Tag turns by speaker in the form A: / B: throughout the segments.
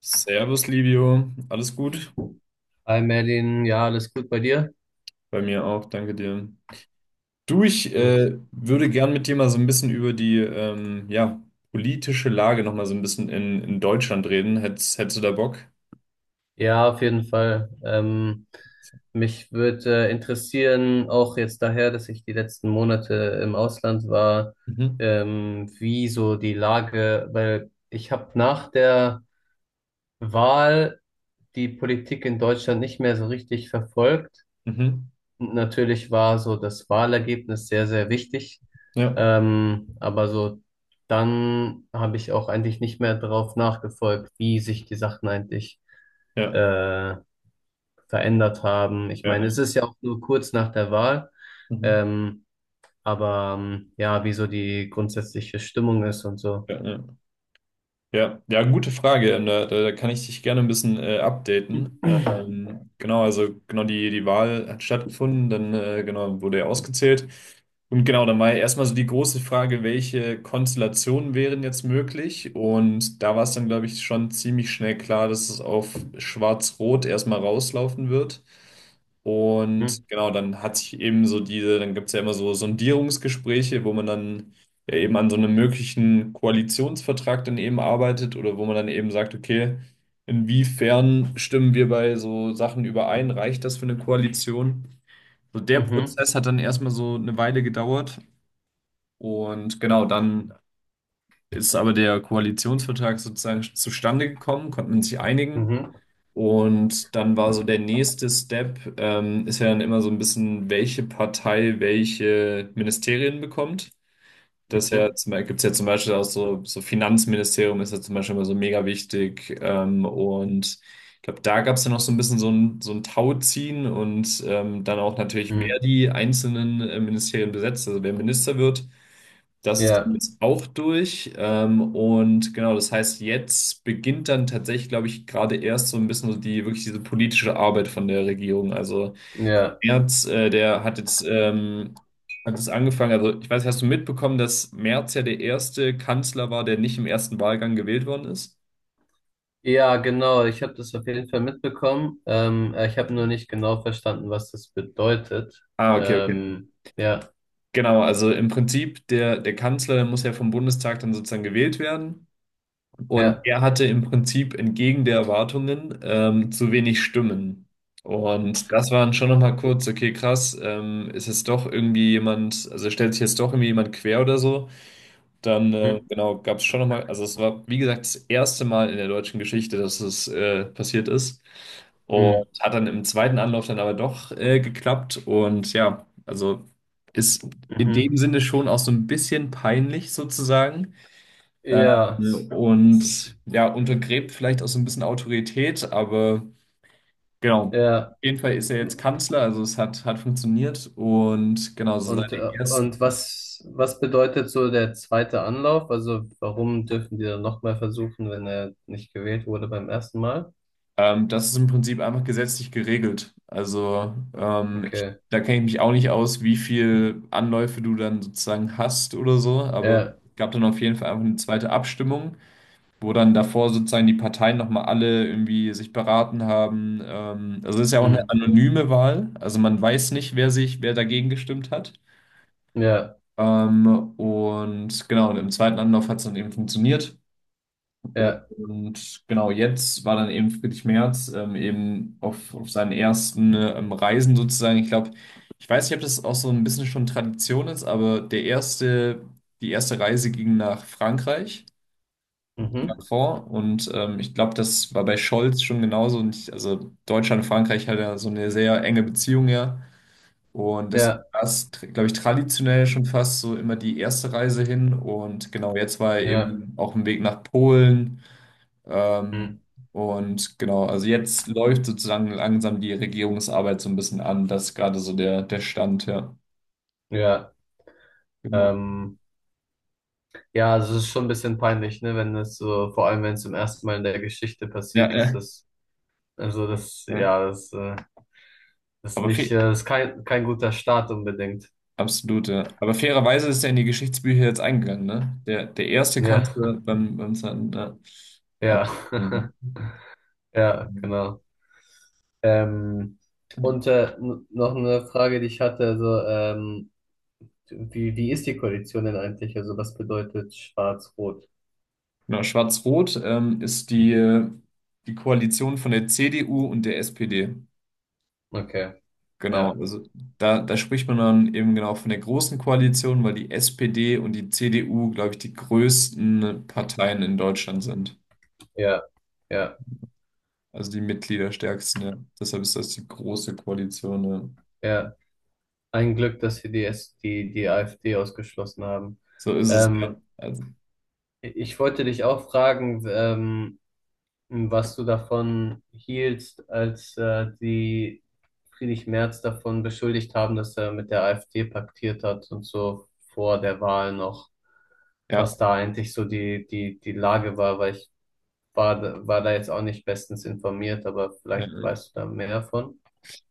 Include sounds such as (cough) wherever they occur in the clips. A: Servus, Livio. Alles gut?
B: Hi Merlin, ja, alles gut bei dir?
A: Bei mir auch, danke dir. Du, ich
B: Gut.
A: äh, würde gern mit dir mal so ein bisschen über die politische Lage noch mal so ein bisschen in Deutschland reden. Hättest du da Bock?
B: Ja, auf jeden Fall. Mich würde interessieren, auch jetzt daher, dass ich die letzten Monate im Ausland war,
A: Mhm.
B: wie so die Lage, weil ich habe nach der Wahl die Politik in Deutschland nicht mehr so richtig verfolgt.
A: Mhm.
B: Natürlich war so das Wahlergebnis sehr, sehr wichtig.
A: Ja,
B: Aber so dann habe ich auch eigentlich nicht mehr darauf nachgefolgt, wie sich die Sachen eigentlich
A: ja,
B: äh, verändert haben. Ich
A: ja,
B: meine, es
A: ja.
B: ist ja auch nur kurz nach der Wahl.
A: Mhm.
B: Ähm, ja, wie so die grundsätzliche Stimmung ist und so.
A: Ja, ja. Ja, ja, gute Frage. Und da kann ich dich gerne ein bisschen updaten. Genau, also genau die Wahl hat stattgefunden, dann genau wurde er ausgezählt. Und genau, dann war ja erstmal so die große Frage, welche Konstellationen wären jetzt möglich? Und da war es dann, glaube ich, schon ziemlich schnell klar, dass es auf Schwarz-Rot erstmal rauslaufen wird.
B: Mhm.
A: Und genau, dann hat sich eben so diese, dann gibt es ja immer so Sondierungsgespräche, wo man dann ja eben an so einem möglichen Koalitionsvertrag dann eben arbeitet oder wo man dann eben sagt, okay, inwiefern stimmen wir bei so Sachen überein? Reicht das für eine Koalition? So der
B: Mhm.
A: Prozess hat dann erstmal so eine Weile gedauert und genau dann ist aber der Koalitionsvertrag sozusagen zustande gekommen, konnte man sich einigen.
B: Mhm.
A: Und dann war so der nächste Step, ist ja dann immer so ein bisschen, welche Partei welche Ministerien bekommt. Das ja,
B: Mhm.
A: gibt es ja zum Beispiel auch so, so Finanzministerium ist ja zum Beispiel immer so mega wichtig. Und ich glaube, da gab es ja noch so ein bisschen so ein Tauziehen und dann auch natürlich, wer
B: Mhm.
A: die einzelnen Ministerien besetzt, also wer Minister wird. Das ist dann
B: Ja,
A: jetzt auch durch. Und genau, das heißt, jetzt beginnt dann tatsächlich, glaube ich, gerade erst so ein bisschen so die wirklich diese politische Arbeit von der Regierung. Also
B: ja.
A: Merz, der hat jetzt hat es angefangen. Also ich weiß, hast du mitbekommen, dass Merz ja der erste Kanzler war, der nicht im ersten Wahlgang gewählt worden ist?
B: Ja, genau. Ich habe das auf jeden Fall mitbekommen. Ich habe nur nicht genau verstanden, was das bedeutet.
A: Ah, okay, okay.
B: Ja,
A: Genau, also im Prinzip der Kanzler der muss ja vom Bundestag dann sozusagen gewählt werden und
B: ja.
A: er hatte im Prinzip entgegen der Erwartungen zu wenig Stimmen. Und das waren dann schon nochmal kurz, okay, krass, ist jetzt doch irgendwie jemand, also stellt sich jetzt doch irgendwie jemand quer oder so. Dann
B: Mhm.
A: genau, gab es schon nochmal, also es war, wie gesagt, das erste Mal in der deutschen Geschichte, dass es passiert ist. Und
B: Mhm.
A: hat dann im zweiten Anlauf dann aber doch geklappt. Und ja, also ist in dem
B: Mhm.
A: Sinne schon auch so ein bisschen peinlich sozusagen.
B: Ja, s-
A: Und ja, untergräbt vielleicht auch so ein bisschen Autorität, aber genau.
B: ja.
A: Auf jeden Fall ist er jetzt Kanzler, also es hat, hat funktioniert und genau, so
B: Und,
A: seine
B: äh, und
A: ersten.
B: was, was bedeutet so der zweite Anlauf? Also warum dürfen die dann nochmal versuchen, wenn er nicht gewählt wurde beim ersten Mal?
A: Das ist im Prinzip einfach gesetzlich geregelt. Also ich,
B: Okay.
A: da kenne ich mich auch nicht aus, wie viel Anläufe du dann sozusagen hast oder so, aber
B: Ja.
A: es gab dann auf jeden Fall einfach eine zweite Abstimmung, wo dann davor sozusagen die Parteien nochmal alle irgendwie sich beraten haben. Also es ist ja auch eine
B: Mhm.
A: anonyme Wahl, also man weiß nicht, wer sich, wer dagegen gestimmt hat.
B: Ja.
A: Ähm, und genau, und im zweiten Anlauf hat es dann eben funktioniert.
B: Ja.
A: Und genau jetzt war dann eben Friedrich Merz eben auf seinen ersten Reisen sozusagen. Ich glaube, ich weiß nicht, ob das auch so ein bisschen schon Tradition ist, aber der erste, die erste Reise ging nach Frankreich,
B: Mhm.
A: Macron. Und ich glaube, das war bei Scholz schon genauso. Und ich, also Deutschland und Frankreich hat ja so eine sehr enge Beziehung, ja. Und das
B: Ja.
A: war, glaube ich, traditionell schon fast so immer die erste Reise hin. Und genau jetzt war er
B: Ja.
A: eben auf dem Weg nach Polen ähm,
B: Mhm.
A: und genau, also jetzt läuft sozusagen langsam die Regierungsarbeit so ein bisschen an. Das ist gerade so der Stand, ja.
B: Ja.
A: Genau.
B: Ähm. Ja, also es ist schon ein bisschen peinlich, ne, wenn es so, vor allem wenn es zum ersten Mal in der Geschichte
A: Ja,
B: passiert, dass
A: ja,
B: das, also das,
A: ja.
B: ja, das ist
A: Aber
B: nicht,
A: fe
B: das ist kein, kein guter Start unbedingt.
A: absolut, ja. Aber fairerweise ist er in die Geschichtsbücher jetzt eingegangen, ne? Der erste
B: Ja,
A: Kanzler beim zweiten, ja. Aber,
B: ja,
A: ähm,
B: (laughs) ja, genau. Ähm, noch eine Frage, die ich hatte, wie, wie ist die Koalition denn eigentlich? Also, was bedeutet Schwarz-Rot?
A: genau, Schwarz-Rot ist die Koalition von der CDU und der SPD.
B: Okay,
A: Genau,
B: ja,
A: also da spricht man dann eben genau von der großen Koalition, weil die SPD und die CDU, glaube ich, die größten Parteien in Deutschland sind.
B: ja, ja,
A: Also die Mitgliederstärksten, ja. Deshalb ist das die große Koalition, ja.
B: ja. Ein Glück, dass sie die AfD ausgeschlossen haben.
A: So ist es, ja.
B: Ähm,
A: Also,
B: Ich wollte dich auch fragen, was du davon hieltst, als die Friedrich Merz davon beschuldigt haben, dass er mit der AfD paktiert hat und so vor der Wahl noch,
A: ja.
B: was da eigentlich so die Lage war, weil war da jetzt auch nicht bestens informiert, aber vielleicht
A: Ja.
B: weißt du da mehr davon.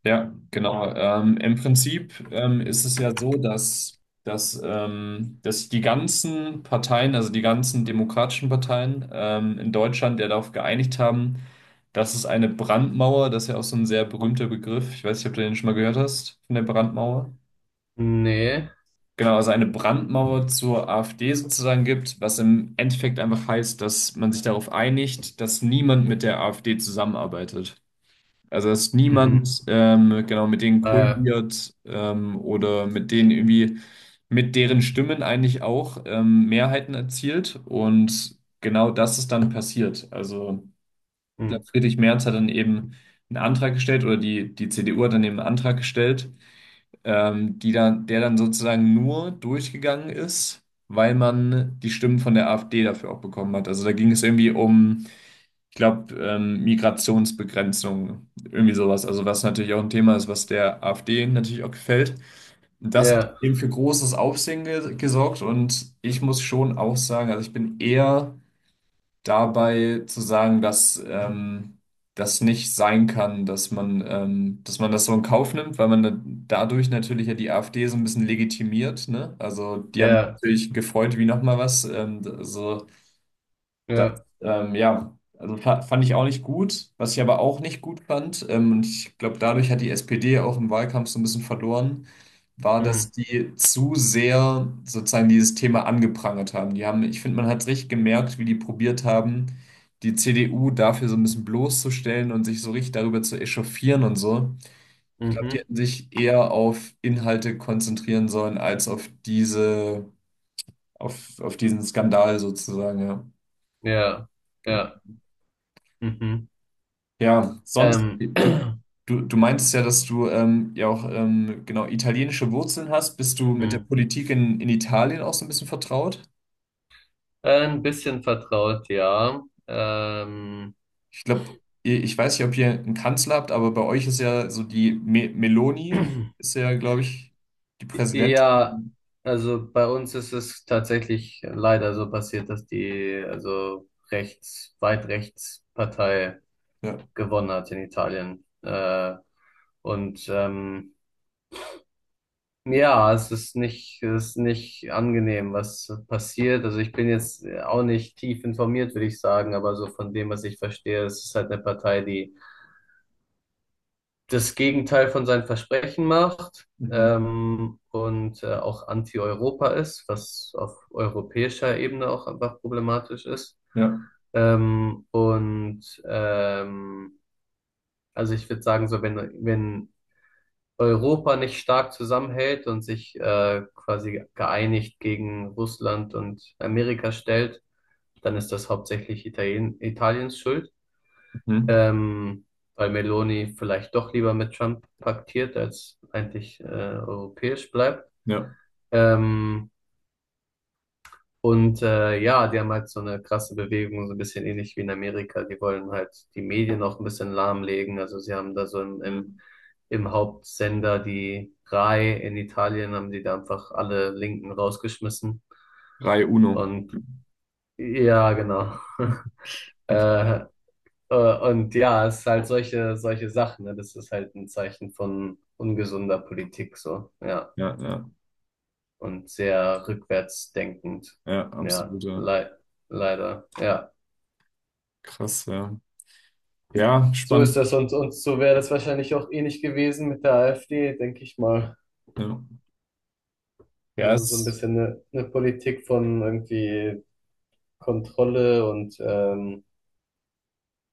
A: Ja, genau. Im Prinzip ist es ja so, dass die ganzen Parteien, also die ganzen demokratischen Parteien in Deutschland ja darauf geeinigt haben, dass es eine Brandmauer, das ist ja auch so ein sehr berühmter Begriff, ich weiß nicht, ob du den schon mal gehört hast, von der Brandmauer.
B: Nee.
A: Genau, also eine Brandmauer zur AfD sozusagen gibt, was im Endeffekt einfach heißt, dass man sich darauf einigt, dass niemand mit der AfD zusammenarbeitet. Also dass
B: Mhm.
A: niemand genau mit denen
B: Ah, ja.
A: koaliert oder mit denen irgendwie mit deren Stimmen eigentlich auch Mehrheiten erzielt und genau das ist dann passiert. Also ich
B: Hm.
A: glaube, Friedrich Merz hat dann eben einen Antrag gestellt oder die CDU hat dann eben einen Antrag gestellt, die dann, der dann sozusagen nur durchgegangen ist, weil man die Stimmen von der AfD dafür auch bekommen hat. Also da ging es irgendwie um ich glaube, Migrationsbegrenzung, irgendwie sowas. Also was natürlich auch ein Thema ist, was der AfD natürlich auch gefällt. Und das hat
B: Ja,
A: eben für großes Aufsehen ge gesorgt und ich muss schon auch sagen, also ich bin eher dabei zu sagen, dass das nicht sein kann, dass man das so in Kauf nimmt, weil man dadurch natürlich ja die AfD so ein bisschen legitimiert, ne? Also die haben sich
B: ja,
A: natürlich gefreut wie nochmal was. So das,
B: ja.
A: ja, also fand ich auch nicht gut. Was ich aber auch nicht gut fand, und ich glaube, dadurch hat die SPD auch im Wahlkampf so ein bisschen verloren, war,
B: Hm.
A: dass die zu sehr sozusagen dieses Thema angeprangert haben. Die haben, ich finde, man hat richtig gemerkt, wie die probiert haben, die CDU dafür so ein bisschen bloßzustellen und sich so richtig darüber zu echauffieren und so. Ich glaube, die
B: Mhm.
A: hätten sich eher auf Inhalte konzentrieren sollen, als auf diese, auf diesen Skandal sozusagen, ja.
B: Ja, ja. Mhm.
A: Ja, sonst,
B: Ähm.
A: du,
B: (clears throat)
A: du, du meintest ja, dass du ja auch genau italienische Wurzeln hast. Bist du mit der
B: Hm.
A: Politik in Italien auch so ein bisschen vertraut?
B: Ein bisschen vertraut, ja.
A: Ich glaube, ich weiß nicht, ob ihr einen Kanzler habt, aber bei euch ist ja so die Me Meloni, ist
B: (clears throat)
A: ja, glaube ich, die
B: Ja,
A: Präsidentin.
B: also bei uns ist es tatsächlich leider so passiert, dass die also rechts, weit rechts Partei
A: Ja.
B: gewonnen hat in Italien. Und ähm, ja, es ist nicht angenehm, was passiert. Also ich bin jetzt auch nicht tief informiert, würde ich sagen, aber so von dem, was ich verstehe, es ist halt eine Partei, die das Gegenteil von seinen Versprechen macht
A: Mhm.
B: auch anti-Europa ist, was auf europäischer Ebene auch einfach problematisch ist.
A: Ja.
B: Ähm, und ähm, also ich würde sagen, so wenn, wenn Europa nicht stark zusammenhält und sich quasi geeinigt gegen Russland und Amerika stellt, dann ist das hauptsächlich Italien, Italiens Schuld
A: Mhm.
B: ähm, weil Meloni vielleicht doch lieber mit Trump paktiert, als eigentlich europäisch bleibt.
A: Ja.
B: Ähm, ja, die haben halt so eine krasse Bewegung, so ein bisschen ähnlich wie in Amerika. Die wollen halt die Medien auch ein bisschen lahmlegen. Also sie haben da so
A: Mhm.
B: im Hauptsender die RAI in Italien, haben die da einfach alle Linken rausgeschmissen.
A: Rai Uno.
B: Und ja, genau. (laughs) Äh, und ja, es ist halt solche, solche Sachen, ne? Das ist halt ein Zeichen von ungesunder Politik, so, ja.
A: Ja, ja,
B: Und sehr rückwärtsdenkend.
A: ja,
B: Ja,
A: absoluter
B: leider, ja.
A: krass, ja. Ja,
B: So ist
A: spannend.
B: das und so wäre das wahrscheinlich auch ähnlich gewesen mit der AfD, denke ich mal.
A: Ja, ja
B: Also so ein
A: es,
B: bisschen eine Politik von irgendwie Kontrolle und, ähm,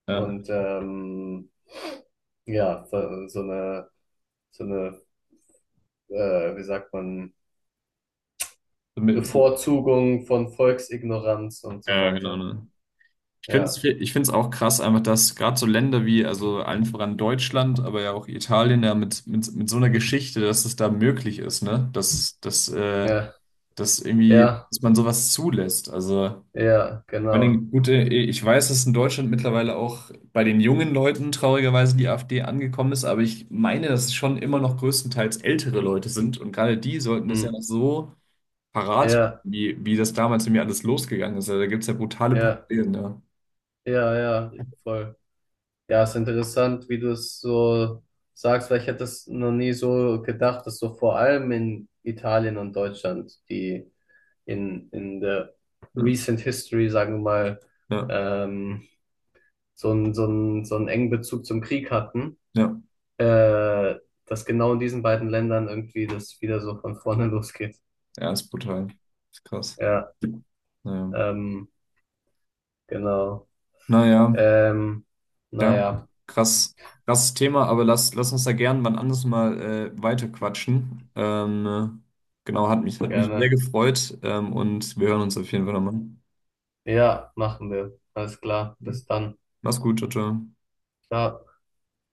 A: ja,
B: und ähm, ja, so eine, wie sagt man,
A: damit- so-
B: Bevorzugung von Volksignoranz und so
A: Ja, genau,
B: weiter.
A: ne? Ich finde es
B: Ja,
A: ich find's auch krass, einfach, dass gerade so Länder wie, also allen voran Deutschland, aber ja auch Italien, ja, mit so einer Geschichte, dass es da möglich ist, ne?
B: ja,
A: Dass irgendwie,
B: ja,
A: dass man sowas zulässt. Also,
B: ja,
A: vor
B: genau.
A: allem, gut, ich weiß, dass in Deutschland mittlerweile auch bei den jungen Leuten traurigerweise die AfD angekommen ist, aber ich meine, dass es schon immer noch größtenteils ältere Leute sind und gerade die sollten das ja
B: Hm.
A: noch so parat habe,
B: Ja,
A: wie das damals in mir alles losgegangen ist. Also, da gibt es ja brutale
B: ja,
A: Parallelen, ja.
B: ja, ja, voll. Ja, ist interessant, wie du es so sagst, weil ich hätte es noch nie so gedacht, dass so vor allem in Italien und Deutschland, in der
A: Ja,
B: recent history, sagen wir mal,
A: ja,
B: ähm, so einen, so einen, so einen engen Bezug zum Krieg hatten
A: ja,
B: äh, dass genau in diesen beiden Ländern irgendwie das wieder so von vorne (laughs) losgeht.
A: ja, ist brutal. Ist krass.
B: Ja,
A: Naja,
B: ähm, genau.
A: naja,
B: Ähm,
A: ja,
B: naja,
A: krass, krasses Thema, aber lass uns da gern wann anders mal weiterquatschen. Genau, hat mich sehr
B: gerne.
A: gefreut und wir hören uns auf jeden Fall nochmal.
B: Ja, machen wir. Alles klar. Bis dann.
A: Mach's gut, ciao, ciao.
B: Ciao.